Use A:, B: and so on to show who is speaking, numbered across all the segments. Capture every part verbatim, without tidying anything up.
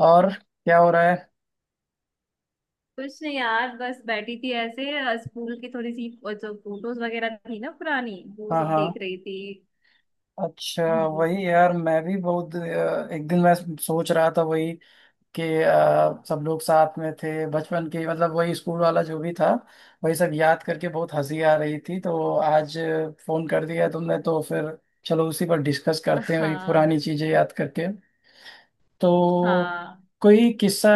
A: और क्या हो रहा है?
B: कुछ नहीं यार, बस बैठी थी ऐसे अ, स्कूल की थोड़ी सी अ, जो फोटोज वगैरह थी ना पुरानी। वो
A: हाँ
B: सब
A: हाँ।
B: देख रही थी।
A: अच्छा
B: हम्म।
A: वही यार मैं भी बहुत अ, एक दिन मैं सोच रहा था वही कि अ, सब लोग साथ में थे बचपन के, मतलब वही स्कूल वाला जो भी था। वही सब याद करके बहुत हंसी आ रही थी, तो आज फोन कर दिया तुमने तो फिर चलो उसी पर डिस्कस करते हैं वही पुरानी
B: हाँ
A: चीजें याद करके। तो
B: हाँ।
A: कोई किस्सा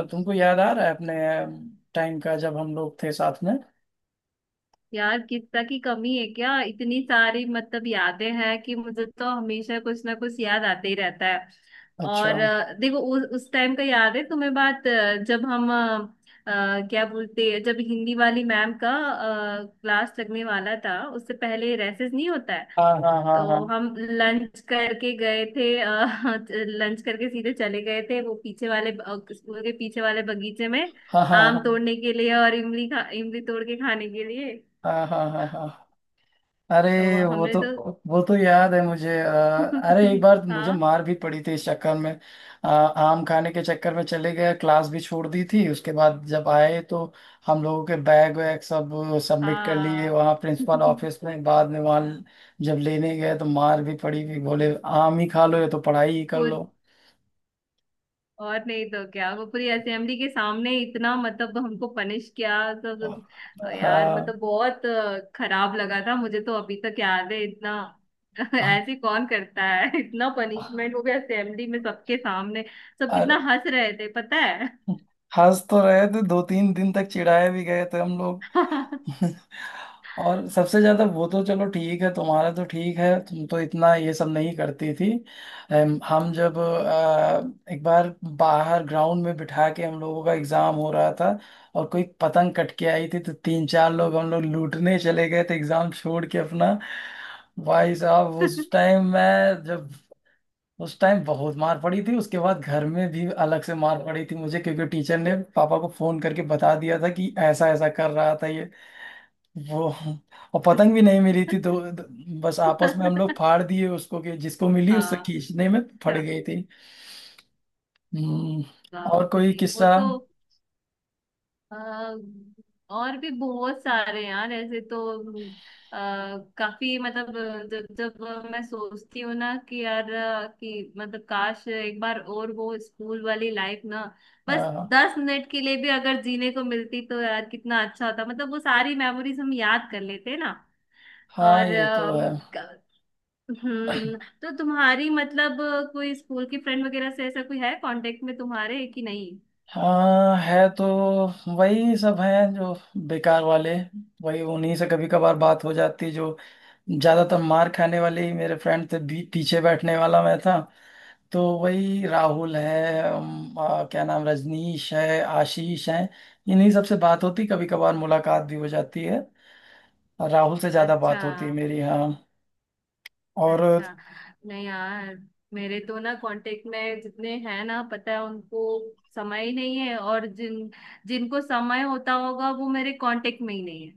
A: अ, तुमको याद आ रहा है अपने टाइम का जब हम लोग थे साथ में?
B: यार, किस्सा की कमी है क्या? इतनी सारी मतलब यादें हैं कि मुझे तो हमेशा कुछ ना कुछ याद आते ही रहता है।
A: अच्छा।
B: और अ, देखो उस उस टाइम का याद है तुम्हें बात, अ, जब हम अ, अ, क्या बोलते हैं, जब हिंदी वाली मैम का क्लास लगने वाला था उससे पहले रेसेस नहीं होता है?
A: हाँ हाँ हाँ हाँ।
B: तो हम लंच करके गए थे, लंच करके सीधे चले गए थे वो पीछे वाले ब- अ, स्कूल के पीछे वाले बगीचे में
A: हाँ हाँ
B: आम
A: हाँ
B: तोड़ने के लिए और इमली खा इमली तोड़ के खाने के लिए।
A: हाँ। हाँ हाँ हाँ। अरे
B: तो
A: वो
B: हमने
A: तो
B: तो
A: वो तो याद है मुझे। अ, अरे एक बार मुझे
B: हाँ
A: मार भी पड़ी थी इस चक्कर में। अ, आम खाने के चक्कर में चले गए, क्लास भी छोड़ दी थी उसके बाद। जब आए तो हम लोगों के बैग वैग सब सबमिट कर लिए
B: हाँ
A: वहाँ प्रिंसिपल ऑफिस में। बाद में वहाँ जब लेने गए तो मार भी पड़ी भी, बोले आम ही खा लो या तो पढ़ाई ही कर
B: पूरी।
A: लो।
B: और नहीं तो क्या, वो पूरी असेंबली के सामने इतना मतलब हमको पनिश किया सब, यार मतलब
A: हाँ
B: बहुत अ, खराब लगा था मुझे, तो अभी तक याद है इतना।
A: हाँ।
B: ऐसे कौन करता है इतना पनिशमेंट, वो भी असेंबली में सबके सामने। सब कितना
A: और
B: हंस रहे थे पता है?
A: हंस तो रहे थे, दो तीन दिन तक चिढ़ाए भी गए थे हम लोग। और सबसे ज्यादा वो तो चलो ठीक है, तुम्हारा तो ठीक है, तुम तो इतना ये सब नहीं करती थी। हम हम जब अ, एक बार बाहर ग्राउंड में बिठा के हम लोगों का एग्जाम हो रहा था, और कोई पतंग कट के आई थी तो तीन चार लोग हम लोग लूटने चले गए थे एग्जाम छोड़ के अपना। भाई साहब उस टाइम मैं जब उस टाइम बहुत मार पड़ी थी, उसके बाद घर में भी अलग से मार पड़ी थी मुझे, क्योंकि टीचर ने पापा को फोन करके बता दिया था कि ऐसा ऐसा कर रहा था ये। वो, और पतंग भी नहीं मिली थी, तो तो बस आपस में हम लोग फाड़ दिए उसको कि जिसको मिली उससे
B: हाँ।
A: खींचने में फट
B: अच्छा।
A: गई थी। हम्म।
B: हाँ
A: और कोई
B: चलिए वो
A: किस्सा?
B: तो। अ, और भी बहुत सारे यार ऐसे तो। अ, काफी मतलब। जब जब मैं सोचती हूँ ना कि यार, अ, कि मतलब काश एक बार और वो स्कूल वाली लाइफ ना। बस
A: आ,
B: दस मिनट के लिए भी अगर जीने को मिलती तो यार कितना अच्छा होता, मतलब वो सारी मेमोरीज हम याद कर लेते ना।
A: हाँ
B: और
A: ये तो है।
B: अम, क- हम्म तो तुम्हारी मतलब कोई स्कूल की फ्रेंड वगैरह से ऐसा कोई है कांटेक्ट में तुम्हारे कि नहीं?
A: हाँ है तो, वही सब हैं जो बेकार वाले, वही उन्हीं से कभी कभार बात हो जाती, जो ज्यादातर मार खाने वाले ही मेरे फ्रेंड थे। बी- पीछे बैठने वाला मैं था, तो वही राहुल है, अम, आ, क्या नाम, रजनीश है, आशीष है, इन्हीं सब से बात होती कभी कभार, मुलाकात भी हो जाती है। और राहुल से ज्यादा
B: अच्छा
A: बात होती है मेरी। हाँ। और
B: अच्छा। नहीं यार, मेरे तो ना कांटेक्ट में जितने हैं ना, पता है उनको समय ही नहीं है, और जिन जिनको समय होता होगा वो मेरे कांटेक्ट में ही नहीं है।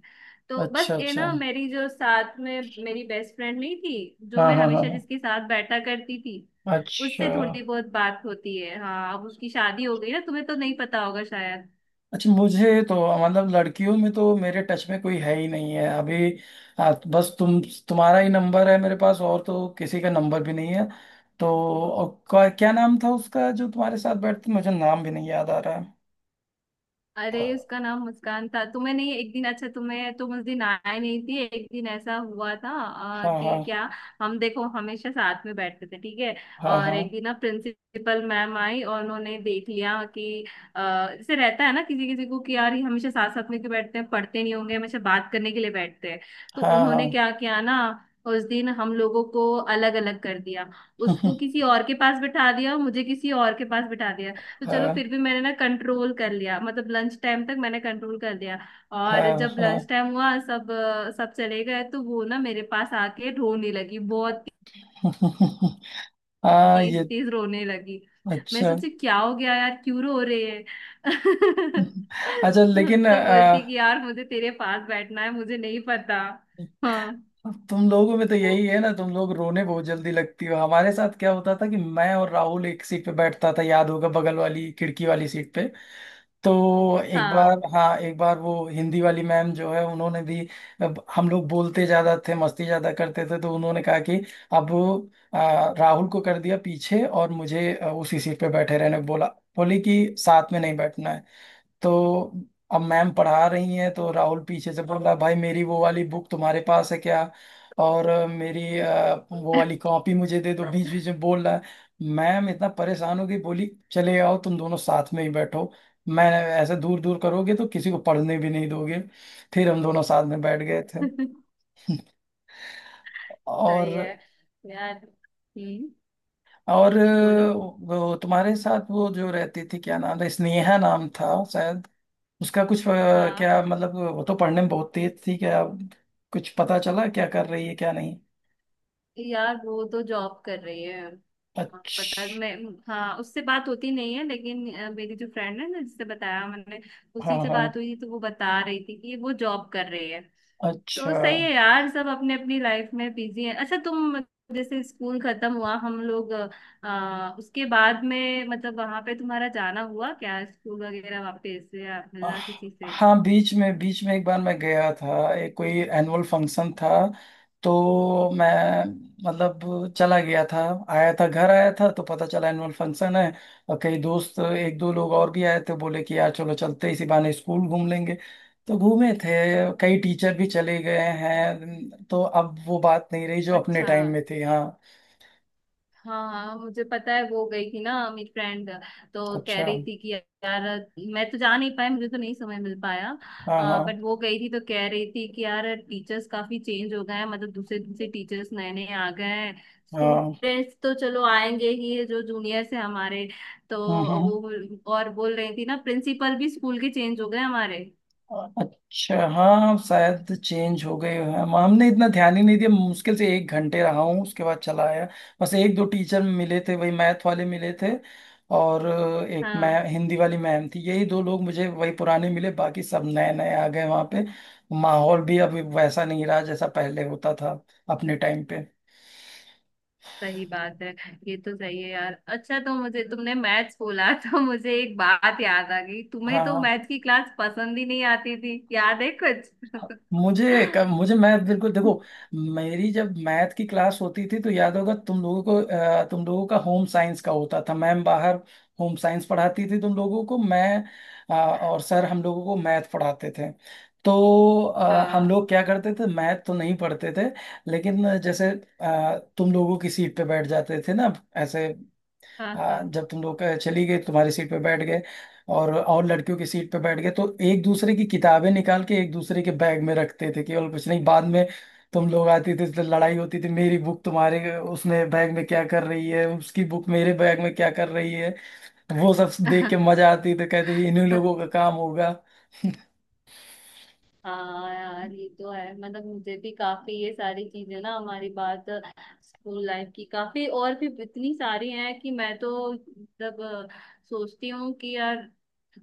B: तो बस
A: अच्छा
B: ये
A: अच्छा।
B: ना मेरी जो साथ में मेरी बेस्ट फ्रेंड नहीं थी, जो
A: हाँ
B: मैं
A: हाँ हाँ
B: हमेशा
A: हाँ।
B: जिसके साथ बैठा करती थी,
A: अच्छा।
B: उससे थोड़ी बहुत बात होती है। हाँ अब उसकी शादी हो गई ना, तुम्हें तो नहीं पता होगा शायद।
A: अच्छा मुझे तो, मतलब लड़कियों में तो मेरे टच में कोई है ही नहीं है अभी। आ, बस तुम, तुम्हारा ही नंबर है मेरे पास, और तो किसी का नंबर भी नहीं है। तो, और क्या क्या नाम था उसका जो तुम्हारे साथ बैठती? मुझे नाम भी नहीं याद आ रहा है।
B: अरे उसका नाम मुस्कान था, तुम्हें नहीं एक दिन अच्छा तुम्हें तुम उस दिन आए नहीं थी, एक दिन ऐसा हुआ था अ,
A: हाँ
B: कि
A: हाँ
B: क्या, हम देखो हमेशा साथ में बैठते थे ठीक है,
A: हाँ
B: और
A: हाँ।
B: एक दिन ना प्रिंसिपल मैम आई और उन्होंने देख लिया कि अ, जैसे रहता है ना किसी किसी को कि यार ये हमेशा साथ साथ में क्यों बैठते हैं, पढ़ते नहीं होंगे हमेशा बात करने के लिए बैठते हैं। तो
A: हाँ
B: उन्होंने
A: हाँ।
B: क्या किया ना, उस दिन हम लोगों को अलग अलग कर दिया। उसको किसी और के पास बिठा दिया और मुझे किसी और के पास बिठा दिया। तो चलो फिर
A: हाँ
B: भी मैंने ना कंट्रोल कर लिया, मतलब लंच टाइम तक मैंने कंट्रोल कर लिया। और
A: हाँ
B: जब लंच
A: हाँ।
B: टाइम हुआ, सब अ, सब चले गए तो वो ना मेरे पास आके रोने लगी, बहुत
A: हाँ,
B: तेज
A: ये
B: तेज रोने लगी। मैं
A: अच्छा।
B: सोची क्या हो गया यार, क्यों रो रहे हैं?
A: अच्छा लेकिन
B: तो बोलती
A: अ,
B: कि यार मुझे तेरे पास बैठना है, मुझे नहीं पता। हाँ
A: अब तुम लोगों में तो
B: वो
A: यही है ना, तुम लोग रोने बहुत जल्दी लगती हो। हमारे साथ क्या होता था कि मैं और राहुल एक सीट पे बैठता था, याद होगा, बगल वाली खिड़की वाली सीट पे। तो एक बार,
B: हाँ
A: हाँ एक बार, वो हिंदी वाली मैम जो है उन्होंने भी, अब हम लोग बोलते ज्यादा थे मस्ती ज्यादा करते थे, तो उन्होंने कहा कि अब आ, राहुल को कर दिया पीछे और मुझे आ, उसी सीट पे बैठे रहने को बोला। बोली कि साथ में नहीं बैठना है। तो अब मैम पढ़ा रही हैं तो राहुल पीछे से बोल रहा, भाई मेरी वो वाली बुक तुम्हारे पास है क्या, और अ, मेरी अ, वो वाली कॉपी मुझे दे दो, बीच बीच में बोल रहा है। मैम इतना परेशान हो गई, बोली चले आओ तुम दोनों साथ में ही बैठो, मैं, ऐसे दूर दूर करोगे तो किसी को पढ़ने भी नहीं दोगे। फिर हम दोनों साथ में बैठ गए थे।
B: सही है
A: और
B: यार। हम्म।
A: और
B: बोलो।
A: अ, वो तुम्हारे साथ वो जो रहती थी, क्या नाम था? स्नेहा नाम था शायद। उसका कुछ, अ,
B: हाँ।
A: क्या मतलब, वो तो पढ़ने में बहुत तेज थी क्या? कुछ पता चला क्या कर रही है क्या नहीं?
B: यार वो तो जॉब कर रही है, पता
A: अच्छा।
B: मैं। हाँ उससे बात होती नहीं है, लेकिन अ, मेरी जो फ्रेंड है ना, जिससे बताया मैंने
A: हाँ
B: उसी से
A: हाँ।
B: बात हुई थी तो वो बता रही थी कि वो जॉब कर रही है। तो
A: अच्छा।
B: सही है यार, सब अपने अपनी लाइफ में बिजी है। अच्छा तुम जैसे स्कूल खत्म हुआ हम लोग, अ, उसके बाद में मतलब वहां पे तुम्हारा जाना हुआ क्या स्कूल वगैरह वापस या
A: आह,
B: मिलना किसी से?
A: हाँ बीच में बीच में एक बार मैं गया था, एक कोई एनुअल फंक्शन था, तो मैं मतलब चला गया था। आया था, घर आया था, तो पता चला एनुअल फंक्शन है, और कई दोस्त एक दो लोग और भी आए थे, बोले कि यार चलो चलते इसी बहाने स्कूल घूम लेंगे। तो घूमे थे। कई टीचर भी चले गए हैं, तो अब वो बात नहीं रही जो अपने
B: अच्छा।
A: टाइम में थी। हाँ।
B: हाँ हाँ, मुझे पता है वो गई थी ना मेरी फ्रेंड, तो कह
A: अच्छा।
B: रही थी कि यार मैं तो जा नहीं पाई, मुझे तो नहीं समय मिल पाया।
A: हाँ हाँ
B: बट वो गई थी तो कह रही थी कि यार टीचर्स काफी चेंज हो गए हैं, मतलब दूसरे दूसरे टीचर्स नए नए आ गए हैं।
A: हाँ।
B: स्टूडेंट्स तो चलो आएंगे ही जो जूनियर्स हैं हमारे। तो
A: हम्म हम्म।
B: वो और बोल रही थी ना, प्रिंसिपल भी स्कूल के चेंज हो गए हमारे।
A: अच्छा हाँ शायद चेंज हो गए हैं। हम- हमने इतना ध्यान ही नहीं दिया, मुश्किल से एक घंटे रहा हूँ उसके बाद चला आया। बस एक दो टीचर मिले थे, वही मैथ वाले मिले थे, और एक मैं
B: हाँ
A: हिंदी वाली मैम थी, यही दो लोग मुझे वही पुराने मिले, बाकी सब नए नए आ गए वहाँ पे। माहौल भी अभी वैसा नहीं रहा जैसा पहले होता था अपने टाइम पे।
B: सही बात है। ये तो सही है यार। अच्छा तो मुझे तुमने मैथ्स बोला तो मुझे एक बात याद आ गई, तुम्हें
A: हाँ
B: तो
A: हाँ।
B: मैथ्स की क्लास पसंद ही नहीं आती थी, याद है कुछ?
A: मुझे क- मुझे मैथ बिल्कुल देखो, मेरी जब मैथ की क्लास होती थी तो याद होगा तुम लोगों को, अ, तुम लोगों का होम साइंस का होता था। मैम बाहर होम साइंस पढ़ाती थी तुम लोगों को, मैं, अ, और सर हम लोगों को मैथ पढ़ाते थे। तो अ, हम
B: हाँ
A: लोग क्या करते थे, मैथ तो नहीं पढ़ते थे, लेकिन जैसे अ, तुम लोगों की सीट पे बैठ जाते थे ना ऐसे। हाँ
B: हाँ
A: जब तुम लोग अ, चली गई तुम्हारी सीट पे बैठ गए, और और लड़कियों की सीट पे बैठ गए, तो एक दूसरे की किताबें निकाल के एक दूसरे के बैग में रखते थे केवल, कुछ नहीं। बाद में तुम लोग आते थे तो लड़ाई होती थी, मेरी बुक तुम्हारे उसमें बैग में क्या कर रही है, उसकी बुक मेरे बैग में क्या कर रही है। वो सब देख के मजा आती थी, कहते थे, इन्हीं
B: हाँ।
A: लोगों का काम होगा।
B: हाँ यार ये तो है, मतलब मुझे भी काफी ये सारी चीजें ना, हमारी बात स्कूल लाइफ की काफी और भी इतनी सारी हैं कि मैं तो मतलब अ, सोचती हूँ कि यार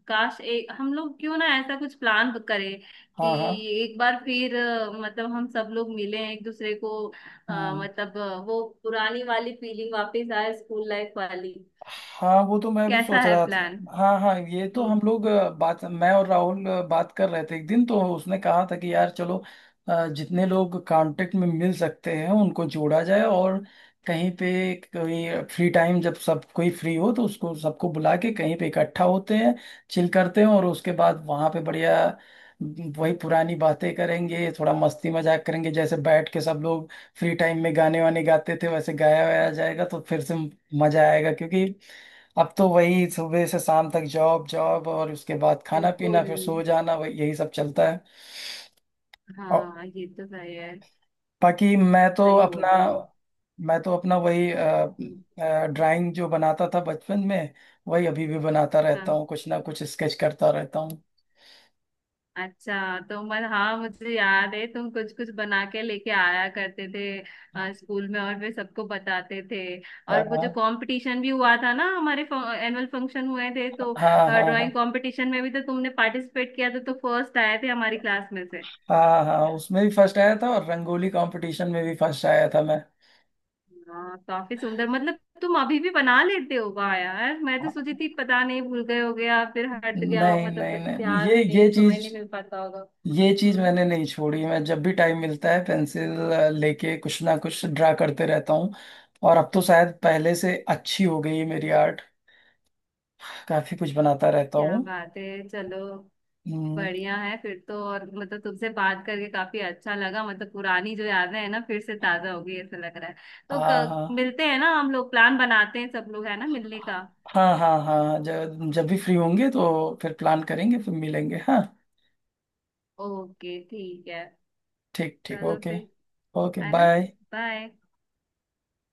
B: काश एक हम लोग क्यों ना ऐसा कुछ प्लान करें कि
A: हाँ हाँ।
B: एक बार फिर अ, मतलब हम सब लोग मिलें एक दूसरे को, अ,
A: हम्म।
B: मतलब अ, वो पुरानी वाली फीलिंग वापस आए स्कूल लाइफ वाली।
A: हाँ वो तो मैं भी
B: कैसा
A: सोच
B: है
A: रहा था,
B: प्लान?
A: हाँ हाँ ये तो,
B: हम्म।
A: हम लोग अ, बात, मैं और राहुल अ, बात कर रहे थे एक दिन, तो उसने कहा था कि यार चलो अ, जितने लोग कांटेक्ट में मिल सकते हैं उनको जोड़ा जाए, और कहीं पे कोई फ्री टाइम, जब सब कोई फ्री हो तो उसको सबको बुला के कहीं पे इकट्ठा होते हैं, चिल करते हैं, और उसके बाद वहाँ पे बढ़िया वही पुरानी बातें करेंगे, थोड़ा मस्ती मजाक करेंगे। जैसे बैठ के सब लोग फ्री टाइम में गाने वाने गाते थे, वैसे गाया वाया जाएगा तो फिर से मजा आएगा, क्योंकि अब तो वही सुबह से शाम तक जॉब जॉब और उसके बाद खाना
B: बिल्कुल।
A: पीना फिर सो जाना, वही यही सब चलता है। और
B: हाँ ये तो सही है।
A: बाकी, मैं तो
B: सही
A: अपना
B: बोल रहे हो।
A: मैं तो अपना वही
B: हम्म।
A: ड्राइंग जो बनाता था बचपन में वही अभी भी बनाता रहता
B: हाँ,
A: हूँ, कुछ ना कुछ स्केच करता रहता हूँ।
B: अच्छा तो मत हाँ मुझे याद है तुम कुछ कुछ बना के लेके आया करते थे अ, स्कूल में, और फिर सबको बताते थे।
A: हाँ
B: और वो
A: हाँ
B: जो कंपटीशन भी हुआ था ना हमारे एनुअल फंक्शन हुए थे तो
A: हाँ
B: ड्राइंग
A: हाँ।
B: कंपटीशन में भी तो तुमने पार्टिसिपेट किया था, तो फर्स्ट आए थे हमारी क्लास में से।
A: हाँ हाँ उसमें भी फर्स्ट आया था, और रंगोली कंपटीशन में भी फर्स्ट आया था मैं।
B: हाँ काफी सुंदर, मतलब तुम अभी भी बना लेते हो, वाह यार मैं तो सोची थी पता नहीं भूल गए हो गया फिर हट गया हो,
A: नहीं नहीं
B: मतलब
A: नहीं, ये
B: ध्यान
A: ये
B: नहीं समय
A: चीज
B: नहीं मिल पाता होगा।
A: ये चीज
B: हम्म।
A: मैंने नहीं छोड़ी, मैं जब भी टाइम मिलता है पेंसिल लेके कुछ ना कुछ ड्रा करते रहता हूँ, और अब तो शायद पहले से अच्छी हो गई है मेरी आर्ट। काफी कुछ बनाता रहता
B: क्या
A: हूँ।
B: बात है, चलो
A: हम्म।
B: बढ़िया है फिर तो। और मतलब तुमसे बात करके काफी अच्छा लगा, मतलब पुरानी जो यादें हैं ना फिर से ताजा हो गई ऐसा लग रहा है। तो
A: हाँ
B: क,
A: हाँ
B: मिलते हैं ना हम लोग, प्लान बनाते हैं सब लोग, है ना मिलने का?
A: हाँ हाँ। हाँ जब जब भी फ्री होंगे तो फिर प्लान करेंगे, फिर मिलेंगे। हाँ
B: ओके ठीक है।
A: ठीक ठीक
B: चलो
A: ओके।
B: फिर,
A: ओके
B: है ना।
A: बाय।
B: बाय।